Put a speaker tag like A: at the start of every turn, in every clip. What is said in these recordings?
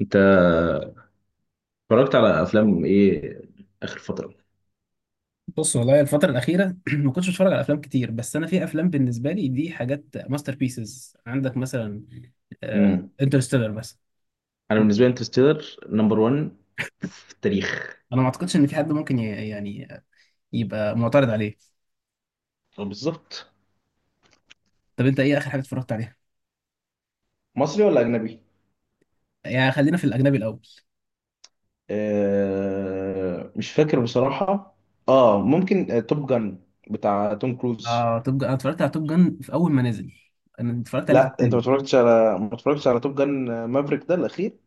A: انت اتفرجت على افلام ايه اخر فتره؟
B: بص والله الفترة الأخيرة ما كنتش بتفرج على أفلام كتير، بس أنا في أفلام بالنسبة لي دي حاجات ماستر بيسز، عندك مثلا
A: امم.
B: انترستيلر بس.
A: انا بالنسبه لي انترستيلر نمبر 1 في التاريخ.
B: أنا ما أعتقدش إن في حد ممكن يعني يبقى معترض عليه.
A: أو بالظبط.
B: طب أنت إيه آخر حاجة اتفرجت عليها؟
A: مصري ولا اجنبي؟
B: يعني خلينا في الأجنبي الأول.
A: آه، مش فاكر بصراحه. اه، ممكن، توب جن بتاع توم كروز.
B: آه، توب جان، أنا اتفرجت على توب جان في أول ما نزل، أنا اتفرجت عليه في
A: لا، انت
B: السينما.
A: ما اتفرجتش على توب جن، مافريك ده الاخير.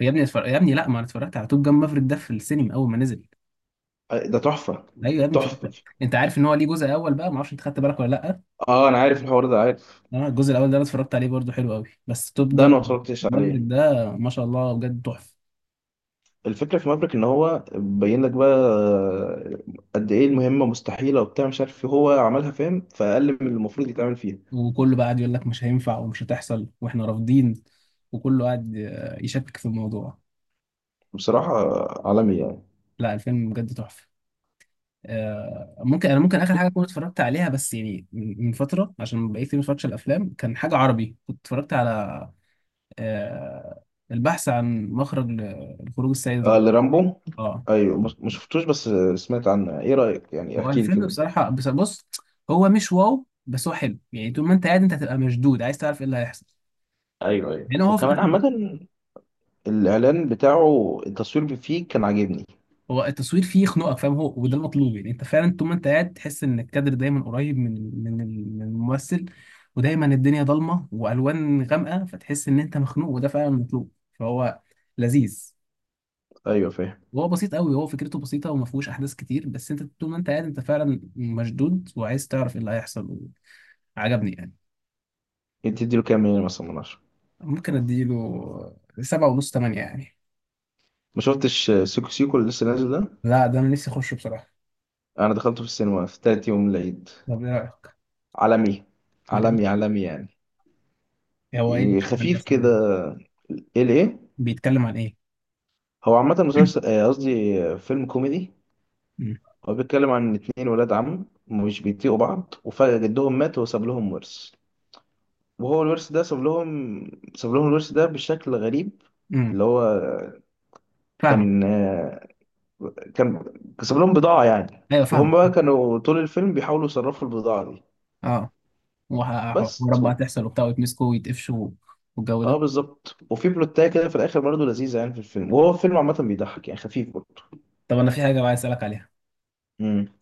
B: يا ابني لا ما أنا اتفرجت على توب جان مافريك ده في السينما أول ما نزل.
A: آه، ده تحفه.
B: أيوه يا ابني
A: تحفه.
B: اتفرجت. أنت عارف إن هو ليه جزء أول بقى؟ ما أعرفش أنت خدت بالك ولا لأ.
A: اه، انا عارف الحوار ده، عارف.
B: انا الجزء الاول ده انا اتفرجت عليه برضو، حلو قوي، بس توب
A: ده انا
B: جان
A: ما اتفرجتش
B: مافريك
A: عليه.
B: ده ما شاء الله بجد تحفه.
A: الفكرة في مافريك إن هو بين لك بقى، قد إيه المهمة مستحيلة وبتاع مش عارف إيه، هو عملها، فاهم، فأقل من المفروض يتعمل فيها.
B: وكله بقى قاعد يقول لك مش هينفع ومش هتحصل واحنا رافضين، وكله قاعد يشكك في الموضوع.
A: بصراحة، عالمي يعني.
B: لا، الفيلم بجد تحفه. ممكن ممكن اخر حاجه كنت اتفرجت عليها، بس يعني من فتره، عشان بقيت كتير ما اتفرجتش على الافلام، كان حاجه عربي كنت اتفرجت على آه، البحث عن مخرج لخروج السيد
A: آه،
B: رامبو.
A: لرامبو.
B: اه.
A: أيوه، ما شفتوش، بس سمعت عنه. إيه رأيك؟ يعني
B: هو
A: احكي لي
B: الفيلم
A: كده.
B: بصراحة، بس بص، هو مش واو بس هو حلو، يعني طول ما انت قاعد انت هتبقى مشدود عايز تعرف ايه اللي هيحصل.
A: أيوه، أيوه،
B: يعني هو في
A: وكمان
B: الاخر،
A: عامة. الإعلان بتاعه، التصوير فيه كان عاجبني.
B: هو التصوير فيه يخنقك فاهم، هو وده المطلوب، يعني انت فعلا طول ما انت قاعد تحس ان الكادر دايما قريب من من الممثل، ودايما الدنيا ضلمة والوان غامقة فتحس ان انت مخنوق وده فعلا المطلوب، فهو لذيذ.
A: أيوه، فاهم.
B: وهو بسيط قوي، هو فكرته بسيطة وما فيهوش احداث كتير، بس انت طول ما انت قاعد انت فعلا مشدود وعايز تعرف ايه اللي هيحصل. عجبني يعني.
A: أنت تديله كام من 10؟ مثلا من 10.
B: ممكن اديله سبعة ونص، تمانية يعني.
A: ما شفتش سيكو سيكو اللي لسه نازل ده؟
B: لا، ده انا نفسي اخشه بصراحة.
A: أنا دخلته في السينما في تالت يوم العيد.
B: طب ايه رأيك؟
A: عالمي.
B: بجد.
A: عالمي، عالمي يعني.
B: هو ايه
A: يعني
B: بيتكلم عن إيه
A: خفيف
B: أصلاً؟
A: كده. ايه، ليه؟
B: بيتكلم عن ايه؟
A: هو عامة مسلسل، قصدي، فيلم كوميدي.
B: امم
A: هو بيتكلم عن اتنين ولاد عم مش بيطيقوا بعض، وفجأة جدهم مات وساب لهم ورث. وهو الورث ده ساب لهم. ساب لهم الورث ده بشكل غريب.
B: امم
A: اللي هو
B: فاهمة.
A: كان آه، كان ساب لهم بضاعة يعني.
B: ايوه
A: وهم
B: فاهمة.
A: بقى كانوا طول الفيلم بيحاولوا يصرفوا البضاعة دي.
B: اه. وحوارات
A: بس
B: بقى
A: و.
B: تحصل وبتاع ويتمسكوا ويتقفشوا والجو
A: اه
B: ده.
A: بالظبط، وفي بلوتاية كده في الآخر برضه لذيذة، يعني في الفيلم، وهو فيلم عامة بيضحك، يعني خفيف برضه.
B: طب انا في حاجة بقى عايز اسألك عليها،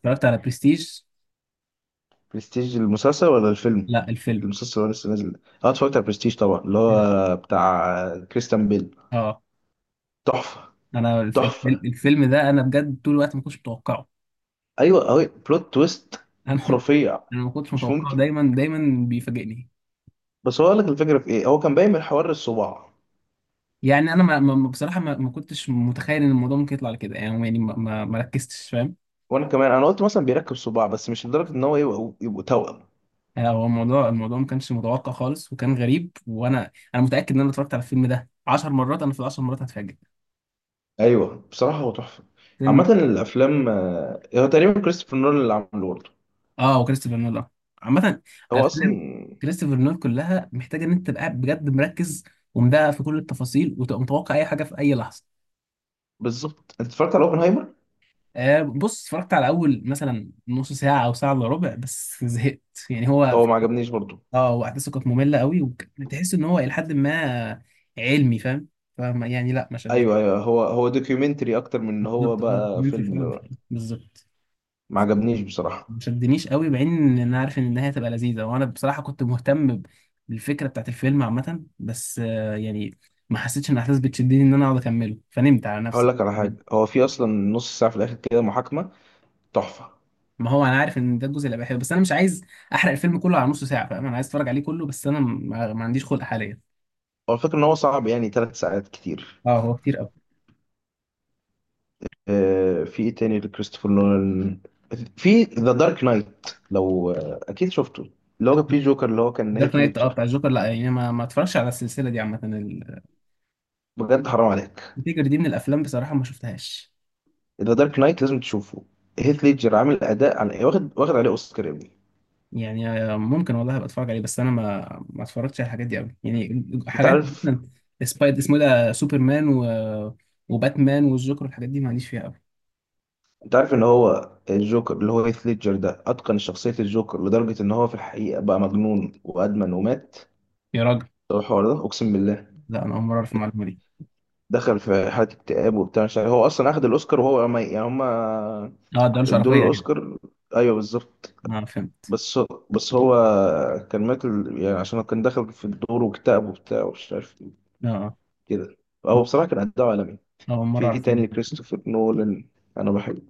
B: اتفرجت على برستيج؟
A: برستيج، المسلسل ولا الفيلم؟
B: لا الفيلم.
A: المسلسل هو لسه نازل. اه، اتفرجت على برستيج طبعا، اللي هو بتاع كريستيان بيل.
B: اه
A: تحفة.
B: انا الف- الف-
A: تحفة.
B: الفيلم ده انا بجد طول الوقت ما كنتش متوقعه.
A: ايوه، اهو بلوت تويست.
B: انا،
A: خرافية.
B: ما كنتش
A: مش
B: متوقعه،
A: ممكن.
B: دايما دايما بيفاجئني.
A: بس هو قال لك الفكرة في ايه. هو كان باين من حوار الصباع.
B: يعني انا بصراحه ما كنتش متخيل ان الموضوع ممكن يطلع كده، يعني يعني ما ركزتش فاهم.
A: وانا كمان، انا قلت مثلا بيركب صباع، بس مش لدرجة ان هو يبقوا توأم.
B: هو الموضوع ما كانش متوقع خالص وكان غريب، وانا متاكد ان انا اتفرجت على الفيلم ده 10 مرات، انا في العشر مرات هتفاجئ.
A: ايوه، بصراحة هو تحفة.
B: فيلم.
A: عامة الافلام، هو تقريبا كريستوفر نولان اللي عامله برضه.
B: اه، وكريستوفر نولان عامه
A: هو
B: الافلام،
A: اصلا.
B: كريستوفر نولان كلها محتاجه ان انت تبقى قاعد بجد مركز ومدقق في كل التفاصيل وتبقى متوقع اي حاجه في اي لحظه.
A: بالظبط. انت اتفرجت على اوبنهايمر؟
B: آه بص، اتفرجت على اول مثلا نص ساعه او ساعه الا ربع بس زهقت. يعني هو،
A: هو ما عجبنيش برضه.
B: اه واحداثه كانت ممله قوي، وتحس ان هو الى حد ما علمي فاهم، فما يعني لا ما شدنيش.
A: ايوه، ايوه، هو دوكيومنتري اكتر من ان هو
B: بالظبط، هو
A: بقى
B: الدوكيومنتري
A: فيلم.
B: فعلا، بالظبط.
A: ما عجبنيش بصراحه.
B: ما شدنيش قوي مع ان انا عارف ان النهايه هتبقى لذيذه، وانا بصراحه كنت مهتم بالفكره بتاعت الفيلم عامه، بس يعني ما حسيتش ان الاحداث بتشدني ان انا اقعد اكمله فنمت على
A: هقول
B: نفسي.
A: لك على حاجه، هو في اصلا نص ساعه في الاخر كده محاكمه. تحفه.
B: ما هو انا عارف ان ده الجزء اللي بحبه، بس انا مش عايز احرق الفيلم كله على نص ساعه فاهم، انا عايز اتفرج عليه كله بس انا ما عنديش خلق حاليا.
A: هو الفكره ان هو صعب، يعني 3 ساعات كتير.
B: اه هو كتير.
A: آه، في ايه تاني لكريستوفر نولان؟ في ذا دارك نايت، لو اكيد شفته. اللي هو كان فيه جوكر، اللي هو كان
B: دارك
A: هيث
B: نايت، اه
A: ليدجر.
B: بتاع الجوكر، لا يعني ما اتفرجش على السلسله دي عامه،
A: بجد حرام عليك.
B: الفكره دي من الافلام بصراحه ما شفتهاش.
A: ذا دارك نايت لازم تشوفه. هيث ليدجر عامل اداء، عن، واخد عليه اوسكار يا ابني.
B: يعني ممكن والله ابقى اتفرج عليه بس انا ما اتفرجتش على الحاجات دي قوي، يعني
A: انت
B: حاجات
A: عارف.
B: مثلا سبايد اسمه إيه ده، سوبرمان و... وباتمان والجوكر والحاجات دي معليش فيها قوي.
A: انت عارف ان هو الجوكر اللي هو هيث ليدجر ده اتقن شخصية الجوكر لدرجة ان هو في الحقيقة بقى مجنون وادمن ومات.
B: يا راجل.
A: هو الحوار ده اقسم بالله.
B: لا انا اول مره اعرف المعلومه دي.
A: دخل في حالة اكتئاب وبتاع مش عارف. هو اصلا اخد الاوسكار، وهو ما، يعني هما
B: اه ده مش
A: ادوله
B: عرفيه كده.
A: الاوسكار. ايوه، بالظبط.
B: اه فهمت.
A: بس هو كان مات يعني عشان هو كان دخل في الدور واكتئب وبتاع ومش عارف ايه.
B: اه. آه.
A: كده. هو بصراحة كان اداء عالمي.
B: اول
A: في
B: مره
A: ايه
B: اعرف المعلومة
A: تاني
B: دي.
A: كريستوفر نولان؟ انا بحب.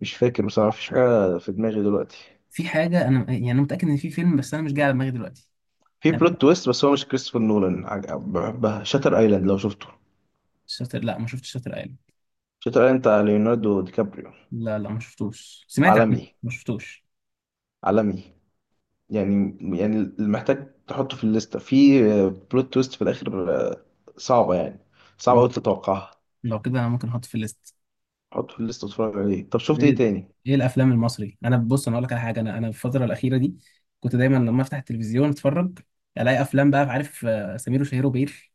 A: مش فاكر بصراحة، مفيش حاجة في دماغي دلوقتي.
B: في حاجه انا، يعني انا متاكد ان في فيلم بس انا مش جاي على دماغي دلوقتي.
A: في
B: يعني
A: بلوت تويست بس هو مش كريستوفر نولان، بحبها، شاتر ايلاند، لو شفته.
B: شاطر، لا ما شفتش شاطر ايلاند.
A: شاتر ايلاند بتاع ليوناردو دي كابريو.
B: لا ما شفتوش، سمعت عنه
A: عالمي.
B: ما شفتوش.
A: عالمي. يعني المحتاج تحطه في الليسته في. بلوت تويست في الاخر، صعبه يعني، صعبه
B: مم.
A: قوي تتوقعها.
B: لو كده انا ممكن احط في الليست.
A: حطه في الليسته واتفرج عليه. طب شفت ايه
B: ايه،
A: تاني؟
B: ايه الافلام المصري؟ انا بص انا اقول لك على حاجه، انا في الفتره الاخيره دي كنت دايما لما افتح التلفزيون اتفرج، الاقي افلام بقى عارف سمير وشهير وبهير.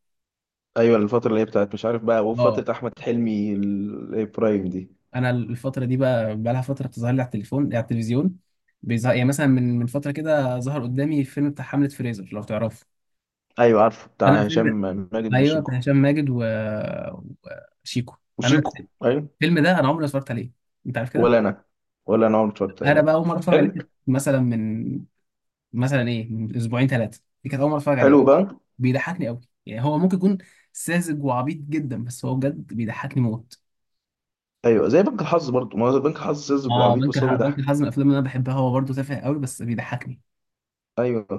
A: ايوه، الفتره اللي هي بتاعت مش عارف بقى،
B: اه
A: وفتره احمد حلمي البرايم دي.
B: انا الفتره دي بقى لها فتره بتظهر لي على التليفون على التلفزيون، بيظهر، يعني مثلا من فتره كده ظهر قدامي فيلم بتاع حمله فريزر لو تعرفه.
A: ايوه، عارفه،
B: انا
A: بتاع هشام
B: الفيلم،
A: ماجد
B: ايوه
A: وشيكو.
B: بتاع هشام ماجد و... وشيكو. انا
A: وشيكو، ايوه.
B: الفيلم ده انا عمري ما اتفرجت عليه، انت عارف كده.
A: ولا انا. ولا انا عمري اتفرجت
B: انا
A: عليه.
B: بقى اول مره اتفرج عليه
A: حلو.
B: كانت مثلا من، مثلا ايه، من اسبوعين ثلاثه دي كانت اول مره اتفرج عليه.
A: حلو بقى.
B: بيضحكني قوي، يعني هو ممكن يكون ساذج وعبيط جدا بس هو بجد بيضحكني موت.
A: ايوه، زي بنك الحظ برضه، ما هو بنك الحظ ساذج
B: اه
A: وعبيط بس هو
B: بنك
A: بيضحك.
B: الحظ من الافلام اللي انا بحبها، هو برضه تافه قوي بس بيضحكني.
A: ايوه.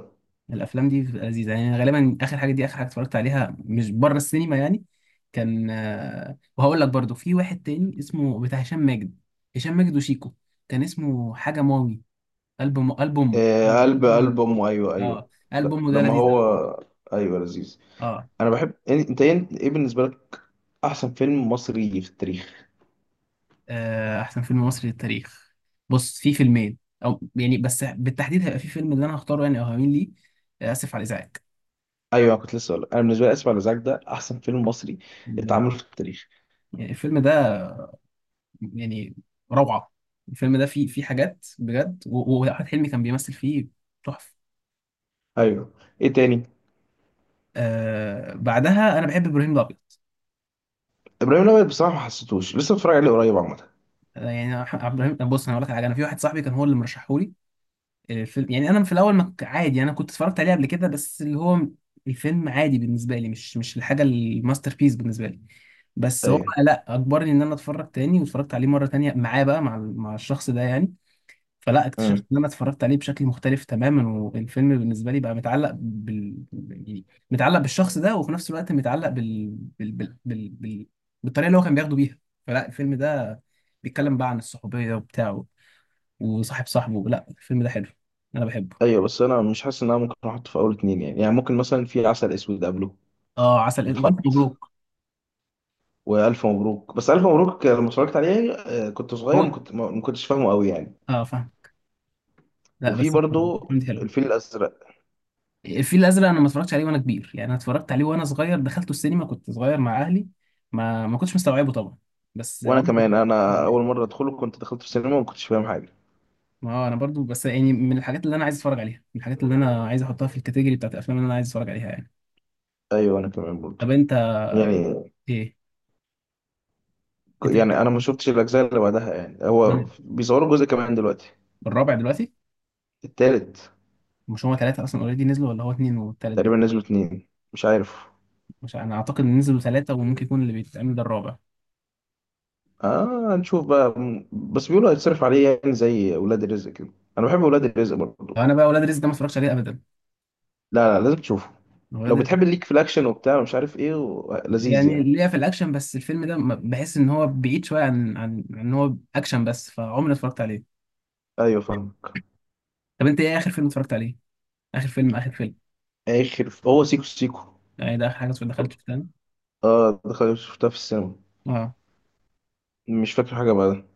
B: الافلام دي بتبقى لذيذه يعني، غالبا اخر حاجه دي اخر حاجه اتفرجت عليها مش بره السينما يعني، كان وهقول لك برضه في واحد تاني اسمه بتاع هشام ماجد، هشام ماجد وشيكو، كان اسمه حاجه ماوي، قلب امه،
A: آه،
B: أيوة، اسمه
A: قلب
B: قلب امه.
A: قلب امه، ايوه، ايوه.
B: اه قلب
A: لا،
B: امه ده
A: لما
B: لذيذ
A: هو.
B: قوي.
A: ايوه، لذيذ.
B: اه.
A: انا بحب انت ايه؟ إيه بالنسبه لك احسن فيلم مصري في التاريخ؟
B: احسن فيلم مصري للتاريخ؟ بص في فيلمين، او يعني بس بالتحديد هيبقى في فيلم اللي انا هختاره يعني او هميل ليه، اسف على الازعاج.
A: ايوه، كنت لسه اقول، انا بالنسبه لي اسف على الازعاج ده احسن فيلم مصري
B: لا،
A: اتعمل في التاريخ.
B: يعني الفيلم ده يعني روعه، الفيلم ده فيه فيه حاجات بجد، واحمد حلمي كان بيمثل فيه تحفه.
A: ايوه. ايه تاني؟
B: آه بعدها انا بحب ابراهيم الابيض.
A: ابراهيم الابيض بصراحه ما حسيتوش، لسه بتفرج عليه قريب عامه.
B: يعني ابراهيم بص انا هقول لك على حاجه، انا في واحد صاحبي كان هو اللي مرشحهولي الفيلم، يعني انا في الاول ما ك- عادي انا كنت اتفرجت عليه قبل كده بس اللي هو الفيلم عادي بالنسبه لي، مش مش الحاجه الماستر بيس بالنسبه لي، بس هو
A: ايوه.
B: لا اجبرني ان انا اتفرج تاني واتفرجت عليه مره تانية معاه بقى مع مع الشخص ده يعني. فلا اكتشفت
A: امم.
B: ان انا اتفرجت عليه بشكل مختلف تماما، والفيلم بالنسبه لي بقى متعلق يعني متعلق بالشخص ده وفي نفس الوقت متعلق بال... بال... بال... بال... بالطريقه اللي هو كان بياخده بيها. فلا الفيلم ده بيتكلم بقى عن الصحوبيه وبتاعه وصاحب صاحبه، لا الفيلم ده حلو، انا بحبه.
A: ايوه، بس انا مش حاسس ان انا ممكن احطه في اول اتنين، يعني ممكن مثلا في عسل اسود قبله
B: اه عسل اسود، والف
A: يتحط.
B: مبروك.
A: والف مبروك، بس الف مبروك لما اتفرجت عليه كنت صغير،
B: هو
A: ما كنتش فاهمه قوي يعني.
B: اه فاهم. لا
A: وفي
B: بس
A: برضو
B: فهمت حلو.
A: الفيل الازرق.
B: الفيل الازرق، انا ما اتفرجتش عليه وانا كبير يعني، انا اتفرجت عليه وانا صغير دخلته السينما كنت صغير مع اهلي، ما ما كنتش مستوعبه طبعا بس
A: وانا
B: عمري.
A: كمان، انا اول مره ادخله كنت دخلت في السينما وما كنتش فاهم حاجه.
B: ما هو انا برضو بس يعني من الحاجات اللي انا عايز اتفرج عليها، من الحاجات اللي انا عايز احطها في الكاتيجوري بتاعت الافلام اللي انا عايز اتفرج عليها يعني.
A: ايوه، انا كمان برضو.
B: طب انت
A: يعني،
B: ايه، انت ايه.
A: يعني انا ما شفتش الاجزاء اللي بعدها، يعني هو
B: مم.
A: بيصوروا جزء كمان دلوقتي.
B: الرابع دلوقتي.
A: التالت.
B: مش هما ثلاثة أصلا أوريدي نزلوا ولا هو اتنين والتالت بيت؟
A: تقريبا نزلوا اتنين، مش عارف.
B: مش أنا أعتقد إن نزلوا ثلاثة وممكن يكون اللي بيتعمل ده الرابع.
A: اه، هنشوف بقى بس بيقولوا هيتصرف عليه يعني زي ولاد الرزق كده. انا بحب ولاد الرزق برضو.
B: أنا بقى ولاد رزق ده ما اتفرجتش عليه أبدا.
A: لا، لا، لازم تشوفه. لو
B: ولاد،
A: بتحب الليك في الاكشن وبتاع مش عارف ايه و، لذيذ
B: يعني
A: يعني.
B: ليا في الاكشن بس الفيلم ده بحس ان هو بعيد شويه عن ان هو اكشن، بس فعمري ما اتفرجت عليه.
A: ايوه، فاهمك.
B: طب انت ايه اخر فيلم اتفرجت عليه؟ اخر فيلم، اخر فيلم.
A: اخر هو سيكو سيكو.
B: يعني ده اخر حاجه دخلت في تاني.
A: اه، دخل شفتها في السينما.
B: اه.
A: مش فاكر حاجه بعدها.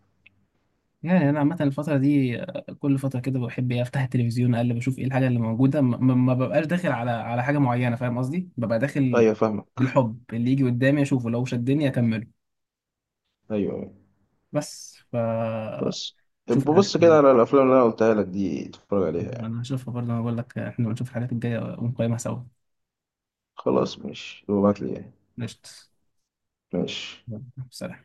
B: يعني انا عامه الفتره دي كل فتره كده بحب إيه، افتح التلفزيون اقلب اشوف ايه الحاجه اللي موجوده، ما ببقاش داخل على حاجه معينه فاهم قصدي، ببقى داخل
A: ايوه، فاهمك.
B: بالحب اللي يجي قدامي اشوفه لو شدني اكمله،
A: ايوه، أيوة.
B: بس ف
A: بس
B: شوف الحاجات.
A: ببص كده على الافلام اللي انا قلتها لك دي، اتفرج عليها يعني.
B: انا هشوفها برضه، انا بقول لك احنا بنشوف الحاجات الجايه ونقيمها سوا.
A: خلاص ماشي، ابعت لي يعني.
B: قشطة.
A: ماشي.
B: يلا، سلام.